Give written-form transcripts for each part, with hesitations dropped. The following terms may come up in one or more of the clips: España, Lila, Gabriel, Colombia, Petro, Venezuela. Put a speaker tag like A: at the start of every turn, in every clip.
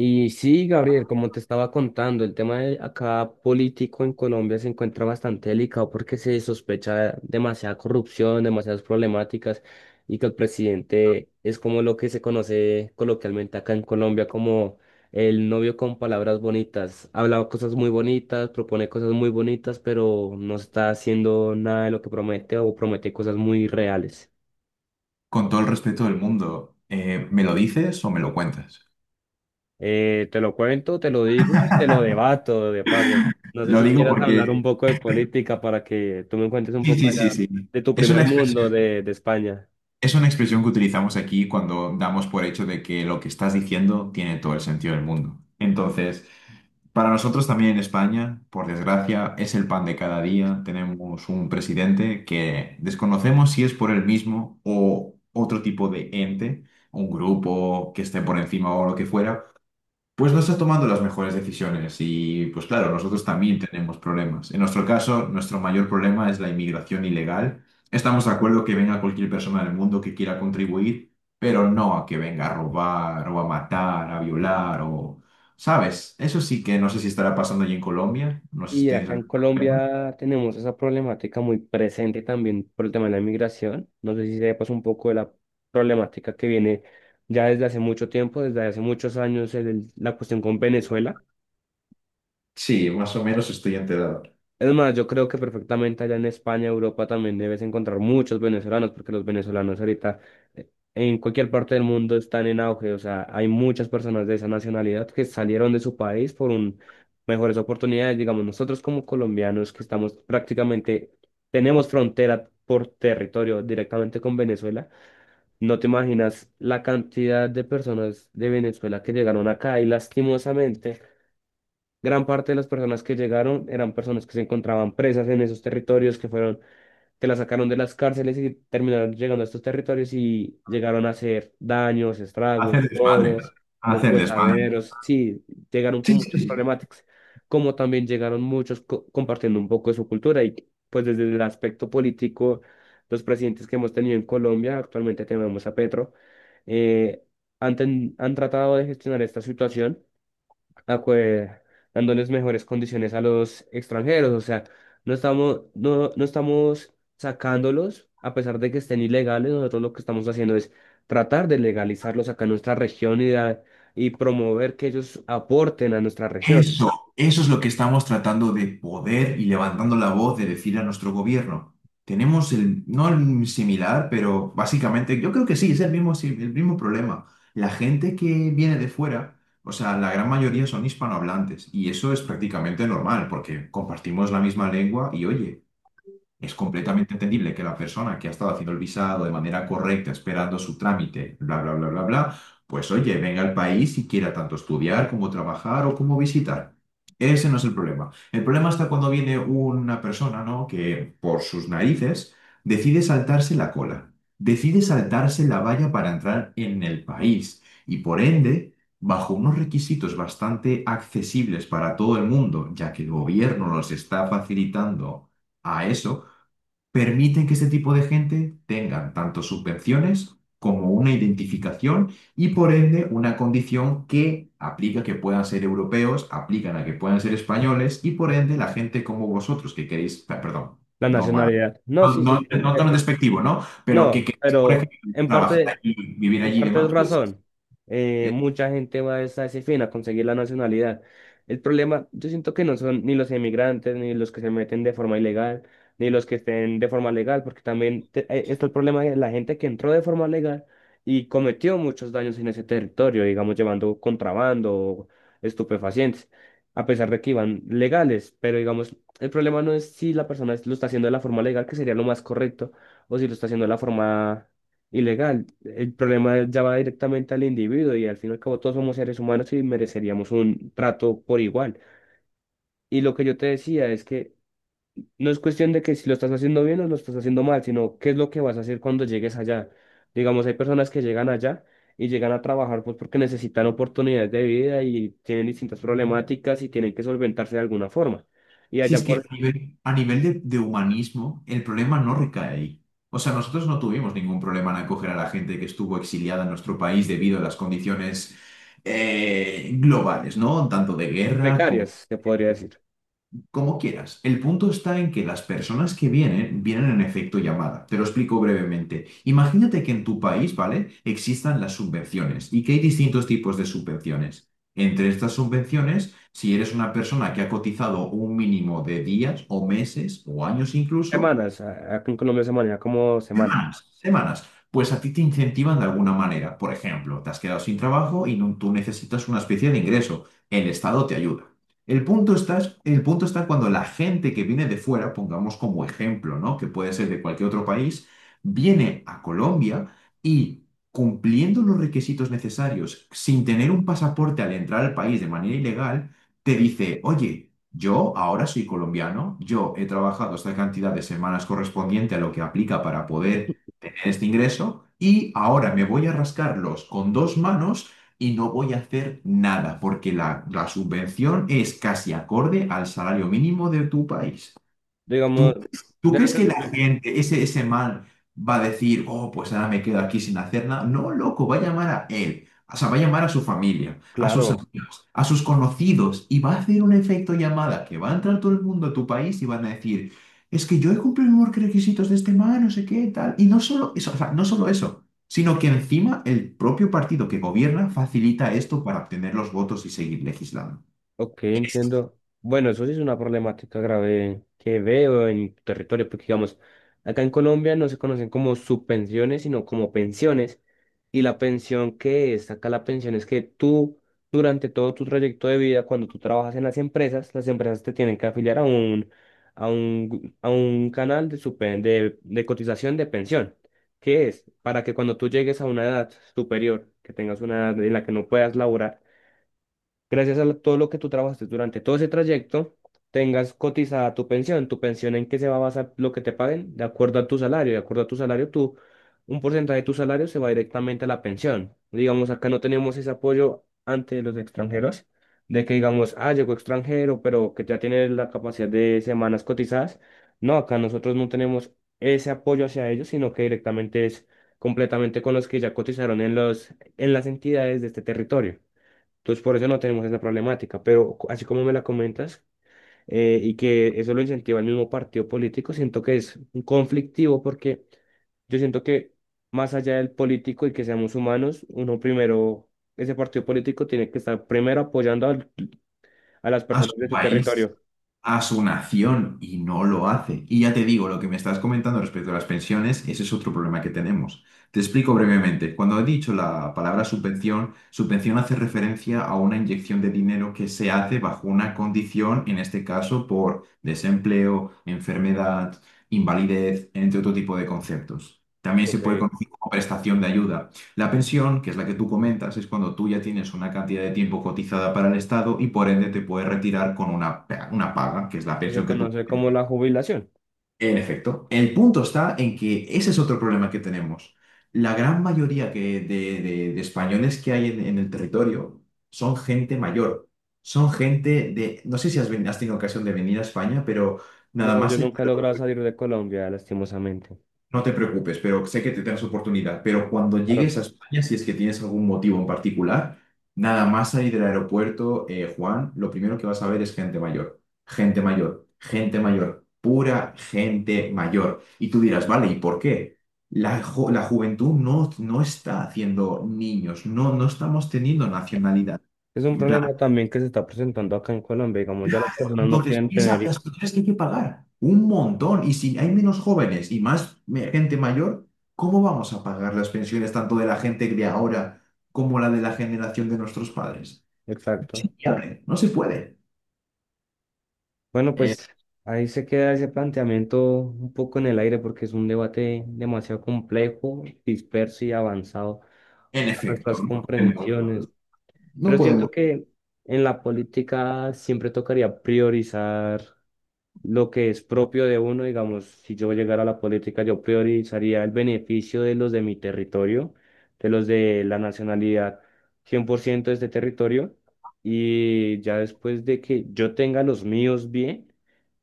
A: Y sí, Gabriel, como te estaba contando, el tema de acá político en Colombia se encuentra bastante delicado porque se sospecha demasiada corrupción, demasiadas problemáticas y que el presidente es como lo que se conoce coloquialmente acá en Colombia como el novio con palabras bonitas. Habla cosas muy bonitas, propone cosas muy bonitas, pero no está haciendo nada de lo que promete o promete cosas muy reales.
B: Con todo el respeto del mundo, ¿me lo dices o me lo cuentas?
A: Te lo cuento, te lo digo y te lo debato de paso. No sé
B: Lo
A: si
B: digo
A: quieras hablar un
B: porque...
A: poco de política para que tú me cuentes un
B: Sí,
A: poco
B: sí, sí,
A: allá
B: sí.
A: de tu
B: Es una
A: primer mundo
B: expresión,
A: de España.
B: es una expresión que utilizamos aquí cuando damos por hecho de que lo que estás diciendo tiene todo el sentido del mundo. Entonces, para nosotros también en España, por desgracia, es el pan de cada día. Tenemos un presidente que desconocemos si es por él mismo o otro tipo de ente, un grupo que esté por encima o lo que fuera. Pues no está tomando las mejores decisiones y pues claro, nosotros también tenemos problemas. En nuestro caso, nuestro mayor problema es la inmigración ilegal. Estamos de acuerdo que venga cualquier persona del mundo que quiera contribuir, pero no a que venga a robar o a matar, a violar o... ¿Sabes? Eso sí que no sé si estará pasando allí en Colombia. No sé si
A: Y
B: tienes
A: acá en
B: algún problema.
A: Colombia tenemos esa problemática muy presente también por el tema de la inmigración. No sé si sepas un poco de la problemática que viene ya desde hace mucho tiempo, desde hace muchos años, la cuestión con Venezuela.
B: Sí, más o menos estoy enterado.
A: Es más, yo creo que perfectamente allá en España, Europa, también debes encontrar muchos venezolanos, porque los venezolanos ahorita en cualquier parte del mundo están en auge. O sea, hay muchas personas de esa nacionalidad que salieron de su país por mejores oportunidades. Digamos, nosotros como colombianos que estamos prácticamente, tenemos frontera por territorio directamente con Venezuela, no te imaginas la cantidad de personas de Venezuela que llegaron acá y lastimosamente. Gran parte de las personas que llegaron eran personas que se encontraban presas en esos territorios, que fueron, que las sacaron de las cárceles y terminaron llegando a estos territorios y llegaron a hacer daños, estragos,
B: Hacer desmadre.
A: robos,
B: Hacer desmadre.
A: deshuesaderos. Sí, llegaron con
B: Sí, sí,
A: muchas
B: sí.
A: problemáticas, como también llegaron muchos compartiendo un poco de su cultura y pues desde el aspecto político, los presidentes que hemos tenido en Colombia, actualmente tenemos a Petro, eh, han tratado de gestionar esta situación acue- dándoles mejores condiciones a los extranjeros. O sea, no estamos sacándolos, a pesar de que estén ilegales, nosotros lo que estamos haciendo es tratar de legalizarlos acá en nuestra región y, y promover que ellos aporten a nuestra región.
B: Eso es lo que estamos tratando de poder y levantando la voz de decir a nuestro gobierno. Tenemos el, no el similar, pero básicamente yo creo que sí, es el mismo, el mismo problema. La gente que viene de fuera, o sea, la gran mayoría son hispanohablantes y eso es prácticamente normal porque compartimos la misma lengua y oye, es completamente entendible que la persona que ha estado haciendo el visado de manera correcta, esperando su trámite, bla, bla, bla, bla, bla, pues oye, venga al país y quiera tanto estudiar como trabajar o como visitar. Ese no es el problema. El problema está cuando viene una persona, ¿no? Que por sus narices decide saltarse la cola, decide saltarse la valla para entrar en el país y por ende, bajo unos requisitos bastante accesibles para todo el mundo, ya que el gobierno los está facilitando a eso, permiten que este tipo de gente tengan tanto subvenciones como una identificación y por ende una condición que aplica que puedan ser europeos, aplican a que puedan ser españoles y por ende la gente como vosotros que queréis, perdón,
A: La
B: no mala.
A: nacionalidad. No, sí, sí,
B: No, no,
A: sí.
B: no
A: eh,
B: tan despectivo, ¿no? Pero que
A: No,
B: queréis, por
A: pero
B: ejemplo,
A: en
B: trabajar
A: parte.
B: allí, vivir
A: En
B: allí y
A: parte es
B: demás, pues
A: razón. Mucha gente va a a ese fin, a conseguir la nacionalidad. El problema, yo siento que no son ni los inmigrantes ni los que se meten de forma ilegal, ni los que estén de forma legal, porque también está el problema de la gente que entró de forma legal y cometió muchos daños en ese territorio, digamos, llevando contrabando o estupefacientes, a pesar de que iban legales. Pero, digamos, el problema no es si la persona lo está haciendo de la forma legal, que sería lo más correcto, o si lo está haciendo de la forma ilegal. El problema ya va directamente al individuo y al fin y al cabo todos somos seres humanos y mereceríamos un trato por igual. Y lo que yo te decía es que no es cuestión de que si lo estás haciendo bien o lo estás haciendo mal, sino qué es lo que vas a hacer cuando llegues allá. Digamos, hay personas que llegan allá y llegan a trabajar pues porque necesitan oportunidades de vida y tienen distintas problemáticas y tienen que solventarse de alguna forma. Y
B: si
A: allá
B: es que
A: por
B: a nivel de humanismo, el problema no recae ahí. O sea, nosotros no tuvimos ningún problema en acoger a la gente que estuvo exiliada en nuestro país debido a las condiciones globales, ¿no? Tanto de guerra como
A: precarias, se podría decir.
B: como quieras. El punto está en que las personas que vienen, vienen en efecto llamada. Te lo explico brevemente. Imagínate que en tu país, ¿vale? Existan las subvenciones y que hay distintos tipos de subvenciones. Entre estas subvenciones, si eres una persona que ha cotizado un mínimo de días o meses o años incluso,
A: Semanas, acá en Colombia se maneja como semanas.
B: semanas, semanas. Pues a ti te incentivan de alguna manera. Por ejemplo, te has quedado sin trabajo y tú necesitas una especie de ingreso. El Estado te ayuda. El punto está, el punto está cuando la gente que viene de fuera, pongamos como ejemplo, ¿no? Que puede ser de cualquier otro país, viene a Colombia y cumpliendo los requisitos necesarios, sin tener un pasaporte al entrar al país de manera ilegal, te dice, oye, yo ahora soy colombiano, yo he trabajado esta cantidad de semanas correspondiente a lo que aplica para poder tener este ingreso y ahora me voy a rascarlos con dos manos y no voy a hacer nada porque la subvención es casi acorde al salario mínimo de tu país.
A: Digamos,
B: ¿Tú, tú crees
A: déjate
B: que la
A: explico.
B: gente, ese man, va a decir, oh, pues ahora me quedo aquí sin hacer nada? No, loco, va a llamar a él. O sea, va a llamar a su familia, a sus
A: Claro,
B: amigos, a sus conocidos y va a hacer un efecto llamada que va a entrar todo el mundo a tu país y van a decir, es que yo he cumplido los requisitos de este man, no sé qué, tal. Y no solo eso, o sea, no solo eso, sino que encima el propio partido que gobierna facilita esto para obtener los votos y seguir legislando
A: ok, entiendo. Bueno, eso sí es una problemática grave que veo en tu territorio, porque digamos, acá en Colombia no se conocen como subpensiones, sino como pensiones. Y la pensión que es acá, la pensión es que tú, durante todo tu trayecto de vida, cuando tú trabajas en las empresas te tienen que afiliar a un canal de cotización de pensión, que es para que cuando tú llegues a una edad superior, que tengas una edad en la que no puedas laborar, gracias a todo lo que tú trabajaste durante todo ese trayecto, tengas cotizada tu pensión en qué se va a basar lo que te paguen, de acuerdo a tu salario, de acuerdo a tu salario, tú, un porcentaje de tu salario se va directamente a la pensión. Digamos, acá no tenemos ese apoyo ante los extranjeros, de que digamos, ah, llegó extranjero, pero que ya tiene la capacidad de semanas cotizadas. No, acá nosotros no tenemos ese apoyo hacia ellos, sino que directamente es completamente con los que ya cotizaron en los, en las entidades de este territorio. Entonces, por eso no tenemos esa problemática, pero así como me la comentas, y que eso lo incentiva el mismo partido político, siento que es un conflictivo porque yo siento que más allá del político y que seamos humanos, uno primero, ese partido político tiene que estar primero apoyando a las
B: a
A: personas de
B: su
A: su
B: país,
A: territorio.
B: a su nación y no lo hace. Y ya te digo, lo que me estás comentando respecto a las pensiones, ese es otro problema que tenemos. Te explico brevemente. Cuando he dicho la palabra subvención, subvención hace referencia a una inyección de dinero que se hace bajo una condición, en este caso por desempleo, enfermedad, invalidez, entre otro tipo de conceptos. También se
A: Ok,
B: puede
A: eso
B: conocer como prestación de ayuda. La pensión, que es la que tú comentas, es cuando tú ya tienes una cantidad de tiempo cotizada para el Estado y por ende te puedes retirar con una, una paga, que es la
A: se
B: pensión que tú
A: conoce
B: comentas.
A: como la jubilación.
B: En efecto, el punto está en que ese es otro problema que tenemos. La gran mayoría de, de españoles que hay en el territorio son gente mayor. Son gente de, no sé si has, has tenido ocasión de venir a España, pero nada
A: No, yo
B: más.
A: nunca he logrado salir de Colombia, lastimosamente.
B: No te preocupes, pero sé que tendrás oportunidad. Pero cuando
A: Claro.
B: llegues a España, si es que tienes algún motivo en particular, nada más salir del aeropuerto, Juan, lo primero que vas a ver es gente mayor, gente mayor, gente mayor, pura gente mayor. Y tú dirás, vale, ¿y por qué? La, la juventud no, no está haciendo niños, no, no estamos teniendo nacionalidad.
A: Es un problema también que se está presentando acá en Colombia, digamos, ya las
B: Claro,
A: personas no
B: entonces
A: quieren
B: piensa,
A: tener...
B: las propiedades que hay que pagar, un montón. Y si hay menos jóvenes y más gente mayor, ¿cómo vamos a pagar las pensiones tanto de la gente de ahora como la de la generación de nuestros padres? Es
A: Exacto.
B: no se puede.
A: Bueno,
B: Eh,
A: pues ahí se queda ese planteamiento un poco en el aire porque es un debate demasiado complejo, disperso y avanzado
B: en
A: para
B: efecto,
A: nuestras
B: no podemos,
A: comprensiones.
B: no
A: Pero
B: podemos.
A: siento que en la política siempre tocaría priorizar lo que es propio de uno, digamos, si yo llegara a la política, yo priorizaría el beneficio de los de mi territorio, de los de la nacionalidad 100% de este territorio, y ya después de que yo tenga los míos bien,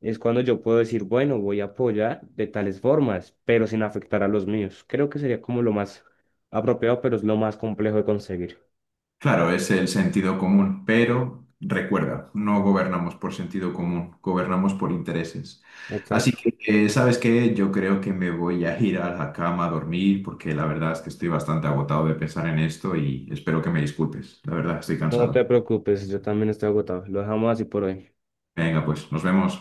A: es cuando yo puedo decir, bueno, voy a apoyar de tales formas, pero sin afectar a los míos. Creo que sería como lo más apropiado, pero es lo más complejo de conseguir.
B: Claro, es el sentido común, pero recuerda, no gobernamos por sentido común, gobernamos por intereses. Así
A: Exacto.
B: que, ¿sabes qué? Yo creo que me voy a ir a la cama a dormir porque la verdad es que estoy bastante agotado de pensar en esto y espero que me disculpes. La verdad, estoy
A: No te
B: cansado.
A: preocupes, yo también estoy agotado. Lo dejamos así por hoy.
B: Venga, pues, nos vemos.